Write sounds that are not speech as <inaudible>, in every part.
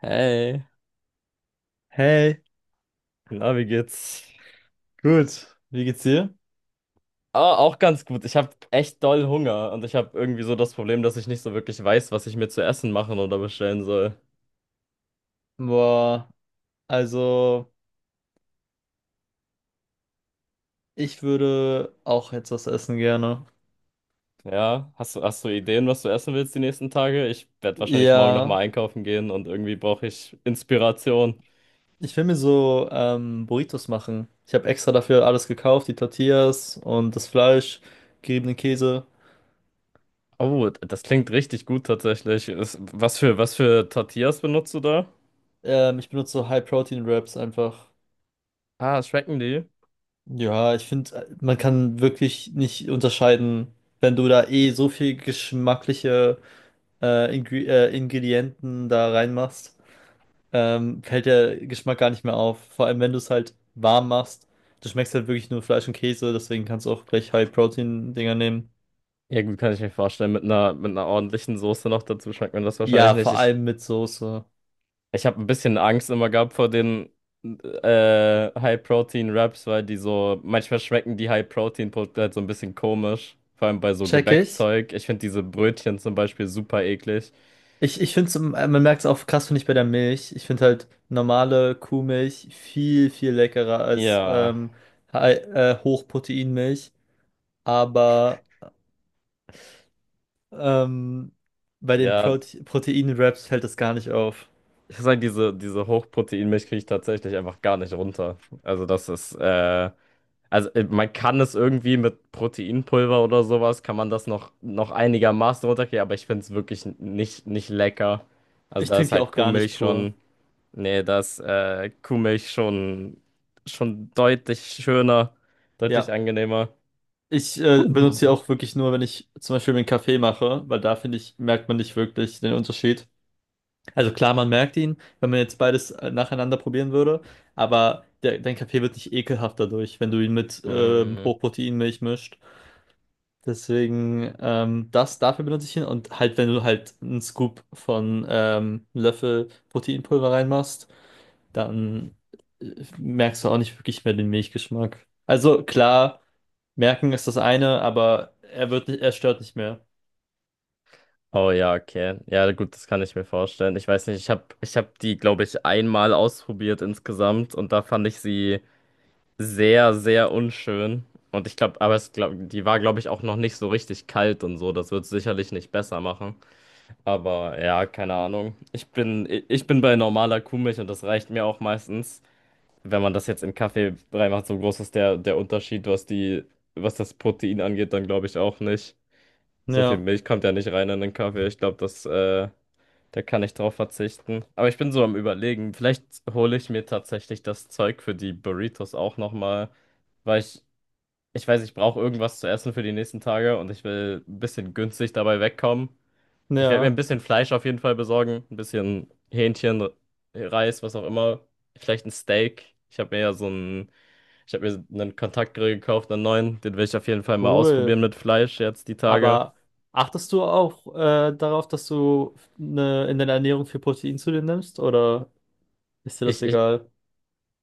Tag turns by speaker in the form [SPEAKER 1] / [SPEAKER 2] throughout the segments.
[SPEAKER 1] Hey,
[SPEAKER 2] Hey,
[SPEAKER 1] na, wie geht's?
[SPEAKER 2] gut. Wie geht's dir?
[SPEAKER 1] Ah, auch ganz gut. Ich habe echt doll Hunger und ich habe irgendwie so das Problem, dass ich nicht so wirklich weiß, was ich mir zu essen machen oder bestellen soll.
[SPEAKER 2] Boah, also ich würde auch jetzt was essen gerne.
[SPEAKER 1] Ja, hast du Ideen, was du essen willst die nächsten Tage? Ich werde wahrscheinlich morgen
[SPEAKER 2] Ja,
[SPEAKER 1] nochmal einkaufen gehen und irgendwie brauche ich Inspiration.
[SPEAKER 2] ich will mir so Burritos machen. Ich habe extra dafür alles gekauft, die Tortillas und das Fleisch, geriebenen Käse.
[SPEAKER 1] Oh, das klingt richtig gut tatsächlich. Was für Tortillas benutzt du da?
[SPEAKER 2] Ich benutze so High-Protein-Wraps einfach.
[SPEAKER 1] Ah, schmecken die?
[SPEAKER 2] Ja, ich finde, man kann wirklich nicht unterscheiden, wenn du da eh so viel geschmackliche Ingredienten da reinmachst. Fällt der Geschmack gar nicht mehr auf. Vor allem, wenn du es halt warm machst, du schmeckst halt wirklich nur Fleisch und Käse, deswegen kannst du auch gleich High-Protein-Dinger nehmen.
[SPEAKER 1] Ja, gut, kann ich mir vorstellen. Mit einer ordentlichen Soße noch dazu schmeckt man das wahrscheinlich
[SPEAKER 2] Ja, vor
[SPEAKER 1] nicht.
[SPEAKER 2] allem mit Soße.
[SPEAKER 1] Ich habe ein bisschen Angst immer gehabt vor den High-Protein-Wraps, weil die so, manchmal schmecken die High-Protein-Produkte halt so ein bisschen komisch. Vor allem bei so
[SPEAKER 2] Check ich.
[SPEAKER 1] Gebäckzeug. Ich finde diese Brötchen zum Beispiel super eklig.
[SPEAKER 2] Ich finde es, man merkt es auch krass, finde ich, bei der Milch. Ich finde halt normale Kuhmilch viel, viel leckerer als
[SPEAKER 1] Ja,
[SPEAKER 2] Hochproteinmilch. Aber ähm, bei den
[SPEAKER 1] ja.
[SPEAKER 2] Protein-Wraps fällt das gar nicht auf.
[SPEAKER 1] Ich sag, diese Hochproteinmilch kriege ich tatsächlich einfach gar nicht runter. Also das ist, also man kann es irgendwie mit Proteinpulver oder sowas, kann man das noch, noch einigermaßen runterkriegen, aber ich finde es wirklich nicht, nicht lecker. Also
[SPEAKER 2] Ich
[SPEAKER 1] da ist
[SPEAKER 2] trinke die
[SPEAKER 1] halt
[SPEAKER 2] auch gar nicht
[SPEAKER 1] Kuhmilch
[SPEAKER 2] pur.
[SPEAKER 1] schon. Nee, das Kuhmilch schon, schon deutlich schöner, deutlich
[SPEAKER 2] Ja.
[SPEAKER 1] angenehmer.
[SPEAKER 2] Ich benutze die auch
[SPEAKER 1] <laughs>
[SPEAKER 2] wirklich nur, wenn ich zum Beispiel mir einen Kaffee mache, weil da finde ich, merkt man nicht wirklich den Unterschied. Also klar, man merkt ihn, wenn man jetzt beides nacheinander probieren würde, aber der, dein Kaffee wird nicht ekelhaft dadurch, wenn du ihn mit
[SPEAKER 1] Mhm. Mm.
[SPEAKER 2] Hochproteinmilch mischt. Deswegen, das, dafür benutze ich ihn und halt, wenn du halt einen Scoop von einem Löffel Proteinpulver reinmachst, dann merkst du auch nicht wirklich mehr den Milchgeschmack. Also klar. Merken ist das eine, aber er wird nicht, er stört nicht mehr.
[SPEAKER 1] Oh ja, okay. Ja, gut, das kann ich mir vorstellen. Ich weiß nicht, ich hab die, glaube ich, einmal ausprobiert insgesamt und da fand ich sie sehr, sehr unschön. Und ich glaube, aber es glaub, die war, glaube ich, auch noch nicht so richtig kalt und so. Das wird sicherlich nicht besser machen. Aber ja, keine Ahnung. Ich bin bei normaler Kuhmilch und das reicht mir auch meistens. Wenn man das jetzt in Kaffee reinmacht, so groß ist der Unterschied, was das Protein angeht, dann glaube ich auch nicht. So viel
[SPEAKER 2] Ja,
[SPEAKER 1] Milch kommt ja nicht rein in den Kaffee. Ich glaube, da kann ich drauf verzichten. Aber ich bin so am Überlegen. Vielleicht hole ich mir tatsächlich das Zeug für die Burritos auch nochmal, weil ich, ich weiß, ich brauche irgendwas zu essen für die nächsten Tage und ich will ein bisschen günstig dabei wegkommen. Ich werde mir
[SPEAKER 2] ja,
[SPEAKER 1] ein bisschen Fleisch auf jeden Fall besorgen, ein bisschen Hähnchen, Reis, was auch immer. Vielleicht ein Steak. Ich habe mir einen Kontaktgrill gekauft, einen neuen. Den will ich auf jeden Fall mal
[SPEAKER 2] cool.
[SPEAKER 1] ausprobieren mit Fleisch jetzt die Tage.
[SPEAKER 2] Aber achtest du auch darauf, dass du in deiner Ernährung viel Protein zu dir nimmst oder ist dir das
[SPEAKER 1] Ich, ich,
[SPEAKER 2] egal?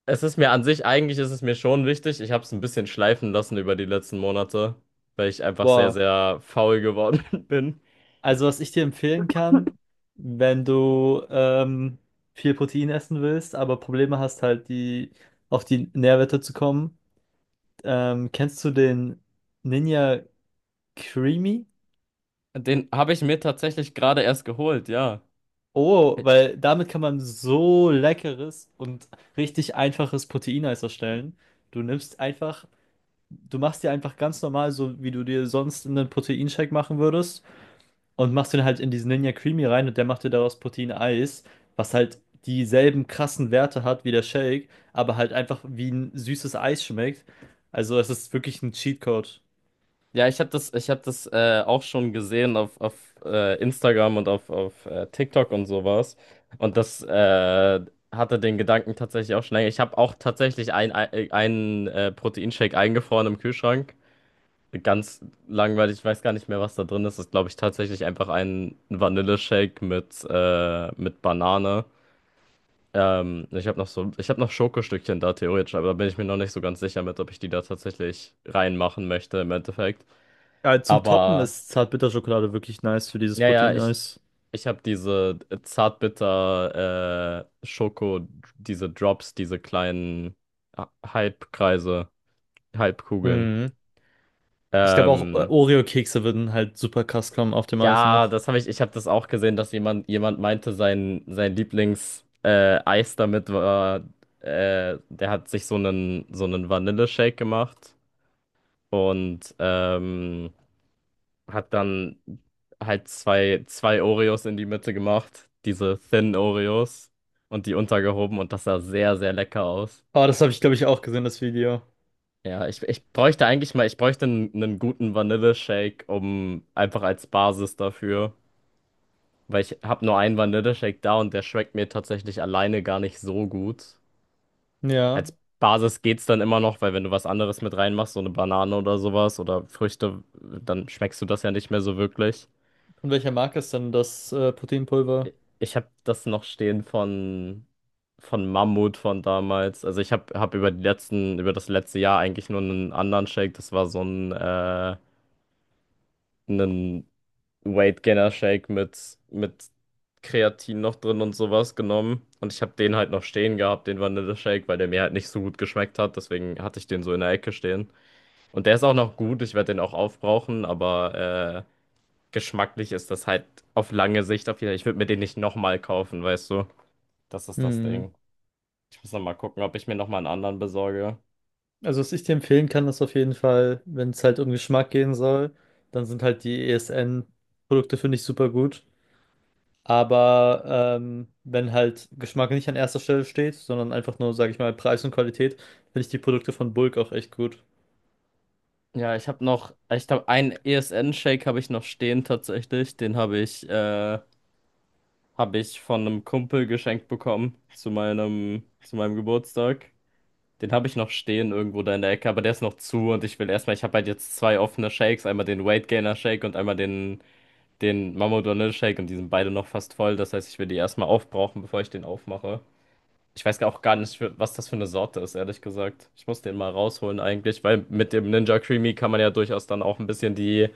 [SPEAKER 1] es ist mir an sich, eigentlich ist es mir schon wichtig. Ich habe es ein bisschen schleifen lassen über die letzten Monate, weil ich einfach sehr,
[SPEAKER 2] Boah,
[SPEAKER 1] sehr faul geworden <laughs> bin.
[SPEAKER 2] also was ich dir empfehlen kann, wenn du viel Protein essen willst, aber Probleme hast halt die auf die Nährwerte zu kommen, kennst du den Ninja Creamy?
[SPEAKER 1] Den habe ich mir tatsächlich gerade erst geholt, ja.
[SPEAKER 2] Oh, weil damit kann man so leckeres und richtig einfaches Proteineis erstellen. Du nimmst einfach, du machst dir einfach ganz normal, so wie du dir sonst einen Proteinshake machen würdest, und machst den halt in diesen Ninja Creamy rein und der macht dir daraus Proteineis, was halt dieselben krassen Werte hat wie der Shake, aber halt einfach wie ein süßes Eis schmeckt. Also es ist wirklich ein Cheatcode.
[SPEAKER 1] Ja, ich hab das auch schon gesehen auf Instagram und auf TikTok und sowas. Und das hatte den Gedanken tatsächlich auch schon länger. Ich habe auch tatsächlich einen Proteinshake eingefroren im Kühlschrank. Ganz langweilig, ich weiß gar nicht mehr, was da drin ist. Das ist, glaube ich, tatsächlich einfach ein Vanilleshake mit Banane. Ich habe noch Schokostückchen da theoretisch, aber da bin ich mir noch nicht so ganz sicher mit, ob ich die da tatsächlich reinmachen möchte im Endeffekt.
[SPEAKER 2] Ja, zum Toppen
[SPEAKER 1] Aber.
[SPEAKER 2] ist Zartbitterschokolade wirklich nice für dieses
[SPEAKER 1] Ja, ja, ich,
[SPEAKER 2] Proteineis.
[SPEAKER 1] ich habe diese zartbitter äh, Schoko, diese Drops, diese kleinen Halbkreise, Halbkugeln.
[SPEAKER 2] Mhm. Ich glaube auch
[SPEAKER 1] Ähm,
[SPEAKER 2] Oreo-Kekse würden halt super krass kommen auf dem Eis
[SPEAKER 1] ja,
[SPEAKER 2] noch.
[SPEAKER 1] ich habe das auch gesehen, dass jemand meinte, sein Lieblings Eis damit war, der hat sich so einen Vanilleshake gemacht und hat dann halt zwei Oreos in die Mitte gemacht, diese Thin Oreos und die untergehoben und das sah sehr, sehr lecker aus.
[SPEAKER 2] Oh, das habe ich, glaube ich, auch gesehen, das Video.
[SPEAKER 1] Ja, ich bräuchte einen guten Vanilleshake, um einfach als Basis dafür, weil ich habe nur einen Vanilleshake da und der schmeckt mir tatsächlich alleine gar nicht so gut.
[SPEAKER 2] Ja.
[SPEAKER 1] Als Basis geht's dann immer noch, weil wenn du was anderes mit reinmachst, so eine Banane oder sowas oder Früchte, dann schmeckst du das ja nicht mehr so wirklich.
[SPEAKER 2] Von welcher Marke ist denn das Proteinpulver?
[SPEAKER 1] Ich habe das noch stehen von Mammut von damals. Also ich hab über das letzte Jahr eigentlich nur einen anderen Shake. Das war einen Weight Gainer Shake mit Kreatin noch drin und sowas genommen. Und ich habe den halt noch stehen gehabt, den Vanille-Shake, weil der mir halt nicht so gut geschmeckt hat. Deswegen hatte ich den so in der Ecke stehen. Und der ist auch noch gut. Ich werde den auch aufbrauchen, aber geschmacklich ist das halt auf lange Sicht auf jeden Fall. Ich würde mir den nicht nochmal kaufen, weißt du. Das ist das
[SPEAKER 2] Hm.
[SPEAKER 1] Ding. Ich muss noch mal gucken, ob ich mir noch mal einen anderen besorge.
[SPEAKER 2] Also, was ich dir empfehlen kann, ist auf jeden Fall, wenn es halt um Geschmack gehen soll, dann sind halt die ESN-Produkte, finde ich, super gut. Aber wenn halt Geschmack nicht an erster Stelle steht, sondern einfach nur, sage ich mal, Preis und Qualität, finde ich die Produkte von Bulk auch echt gut.
[SPEAKER 1] Ja, ich habe einen ESN-Shake habe ich noch stehen tatsächlich. Den habe ich von einem Kumpel geschenkt bekommen zu meinem, Geburtstag. Den habe ich noch stehen irgendwo da in der Ecke, aber der ist noch zu und ich habe halt jetzt zwei offene Shakes, einmal den Weight Gainer Shake und einmal den Mama Shake und die sind beide noch fast voll. Das heißt, ich will die erstmal aufbrauchen, bevor ich den aufmache. Ich weiß auch gar nicht, was das für eine Sorte ist, ehrlich gesagt. Ich muss den mal rausholen eigentlich, weil mit dem Ninja Creamy kann man ja durchaus dann auch ein bisschen die,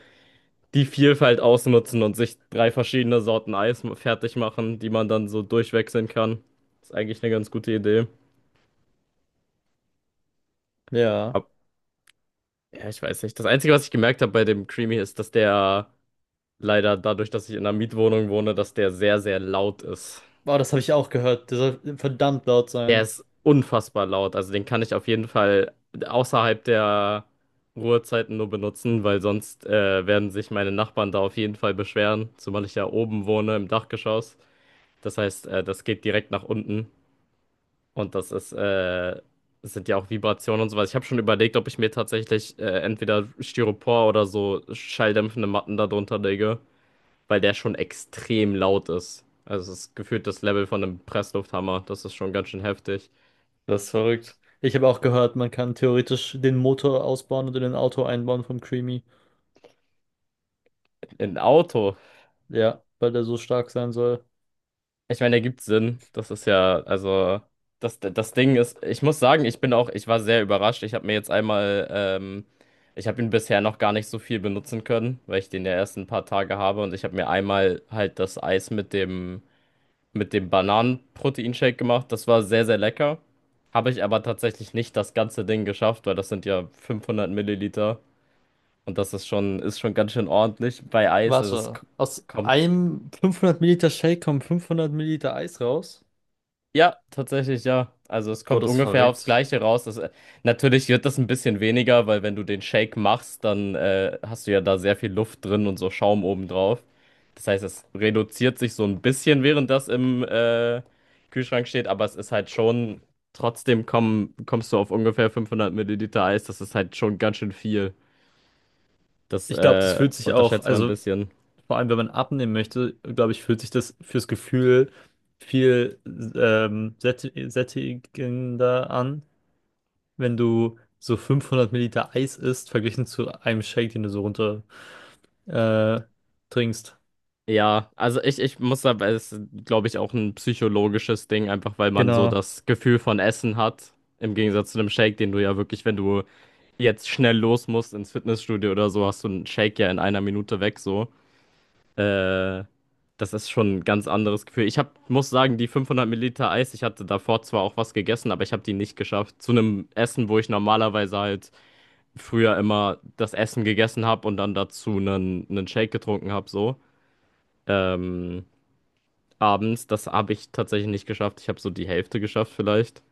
[SPEAKER 1] die Vielfalt ausnutzen und sich drei verschiedene Sorten Eis fertig machen, die man dann so durchwechseln kann. Ist eigentlich eine ganz gute Idee.
[SPEAKER 2] Ja.
[SPEAKER 1] Ab- ja, ich weiß nicht. Das Einzige, was ich gemerkt habe bei dem Creamy ist, dass der leider dadurch, dass ich in einer Mietwohnung wohne, dass der sehr, sehr laut ist.
[SPEAKER 2] Oh, das habe ich auch gehört. Der soll verdammt laut
[SPEAKER 1] Der
[SPEAKER 2] sein.
[SPEAKER 1] ist unfassbar laut. Also den kann ich auf jeden Fall außerhalb der Ruhezeiten nur benutzen, weil sonst werden sich meine Nachbarn da auf jeden Fall beschweren, zumal ich ja oben wohne im Dachgeschoss. Das heißt, das geht direkt nach unten und das sind ja auch Vibrationen und sowas. Ich habe schon überlegt, ob ich mir tatsächlich entweder Styropor oder so schalldämpfende Matten da drunter lege, weil der schon extrem laut ist. Also es ist gefühlt das Level von einem Presslufthammer. Das ist schon ganz schön heftig.
[SPEAKER 2] Das ist verrückt. Ich habe auch gehört, man kann theoretisch den Motor ausbauen und in ein Auto einbauen vom Creamy.
[SPEAKER 1] Ein Auto.
[SPEAKER 2] Ja, weil der so stark sein soll.
[SPEAKER 1] Ich meine, ergibt Sinn. Das ist ja, also, das Ding ist, ich muss sagen, ich war sehr überrascht. Ich habe mir jetzt einmal, Ich habe ihn bisher noch gar nicht so viel benutzen können, weil ich den ja erst ein paar Tage habe und ich habe mir einmal halt das Eis mit dem, Bananen-Proteinshake gemacht. Das war sehr, sehr lecker. Habe ich aber tatsächlich nicht das ganze Ding geschafft, weil das sind ja 500 Milliliter und das ist schon, ganz schön ordentlich bei Eis. Also, es
[SPEAKER 2] Warte, aus
[SPEAKER 1] kommt.
[SPEAKER 2] einem 500 Milliliter Shake kommen 500 Milliliter Eis raus?
[SPEAKER 1] Ja, tatsächlich, ja. Also es
[SPEAKER 2] Gott,
[SPEAKER 1] kommt
[SPEAKER 2] das ist
[SPEAKER 1] ungefähr aufs
[SPEAKER 2] verrückt.
[SPEAKER 1] Gleiche raus. Natürlich wird das ein bisschen weniger, weil wenn du den Shake machst, dann hast du ja da sehr viel Luft drin und so Schaum obendrauf. Das heißt, es reduziert sich so ein bisschen, während das im Kühlschrank steht, aber es ist halt schon, trotzdem kommst du auf ungefähr 500 Milliliter Eis. Das ist halt schon ganz schön viel. Das
[SPEAKER 2] Ich glaube, das fühlt sich auch,
[SPEAKER 1] unterschätzt man ein
[SPEAKER 2] also
[SPEAKER 1] bisschen.
[SPEAKER 2] vor allem, wenn man abnehmen möchte, glaube ich, fühlt sich das fürs Gefühl viel sättigender an, wenn du so 500 Milliliter Eis isst, verglichen zu einem Shake, den du so runter äh, trinkst.
[SPEAKER 1] Ja, also ich muss aber, es ist, glaube ich, auch ein psychologisches Ding, einfach weil man so
[SPEAKER 2] Genau.
[SPEAKER 1] das Gefühl von Essen hat. Im Gegensatz zu einem Shake, den du ja wirklich, wenn du jetzt schnell los musst ins Fitnessstudio oder so, hast du einen Shake ja in einer Minute weg, so. Äh, das ist schon ein ganz anderes Gefühl. Ich hab, muss sagen, die 500 Milliliter Eis, ich hatte davor zwar auch was gegessen, aber ich habe die nicht geschafft. Zu einem Essen, wo ich normalerweise halt früher immer das Essen gegessen habe und dann dazu einen Shake getrunken habe, so. Ähm abends. Das habe ich tatsächlich nicht geschafft. Ich habe so die Hälfte geschafft vielleicht.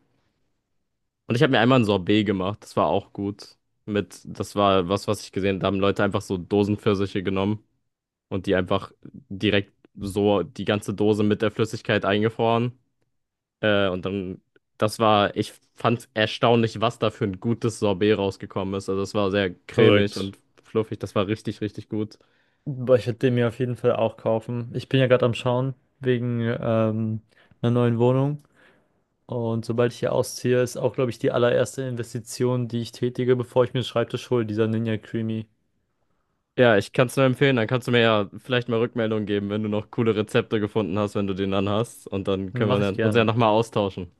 [SPEAKER 1] Und ich habe mir einmal ein Sorbet gemacht. Das war auch gut. Das war was, was ich gesehen habe. Da haben Leute einfach so Dosenpfirsiche genommen und die einfach direkt so die ganze Dose mit der Flüssigkeit eingefroren. Und dann, ich fand erstaunlich, was da für ein gutes Sorbet rausgekommen ist. Also es war sehr cremig
[SPEAKER 2] Korrekt.
[SPEAKER 1] und fluffig. Das war richtig, richtig gut.
[SPEAKER 2] Boah, ich werde den mir auf jeden Fall auch kaufen. Ich bin ja gerade am Schauen wegen einer neuen Wohnung. Und sobald ich hier ausziehe, ist auch, glaube ich, die allererste Investition, die ich tätige, bevor ich mir einen Schreibtisch hole, dieser Ninja Creamy.
[SPEAKER 1] Ja, ich kann es nur empfehlen. Dann kannst du mir ja vielleicht mal Rückmeldung geben, wenn du noch coole Rezepte gefunden hast, wenn du den dann hast. Und dann können wir
[SPEAKER 2] Mache ich
[SPEAKER 1] dann uns ja
[SPEAKER 2] gerne.
[SPEAKER 1] nochmal austauschen.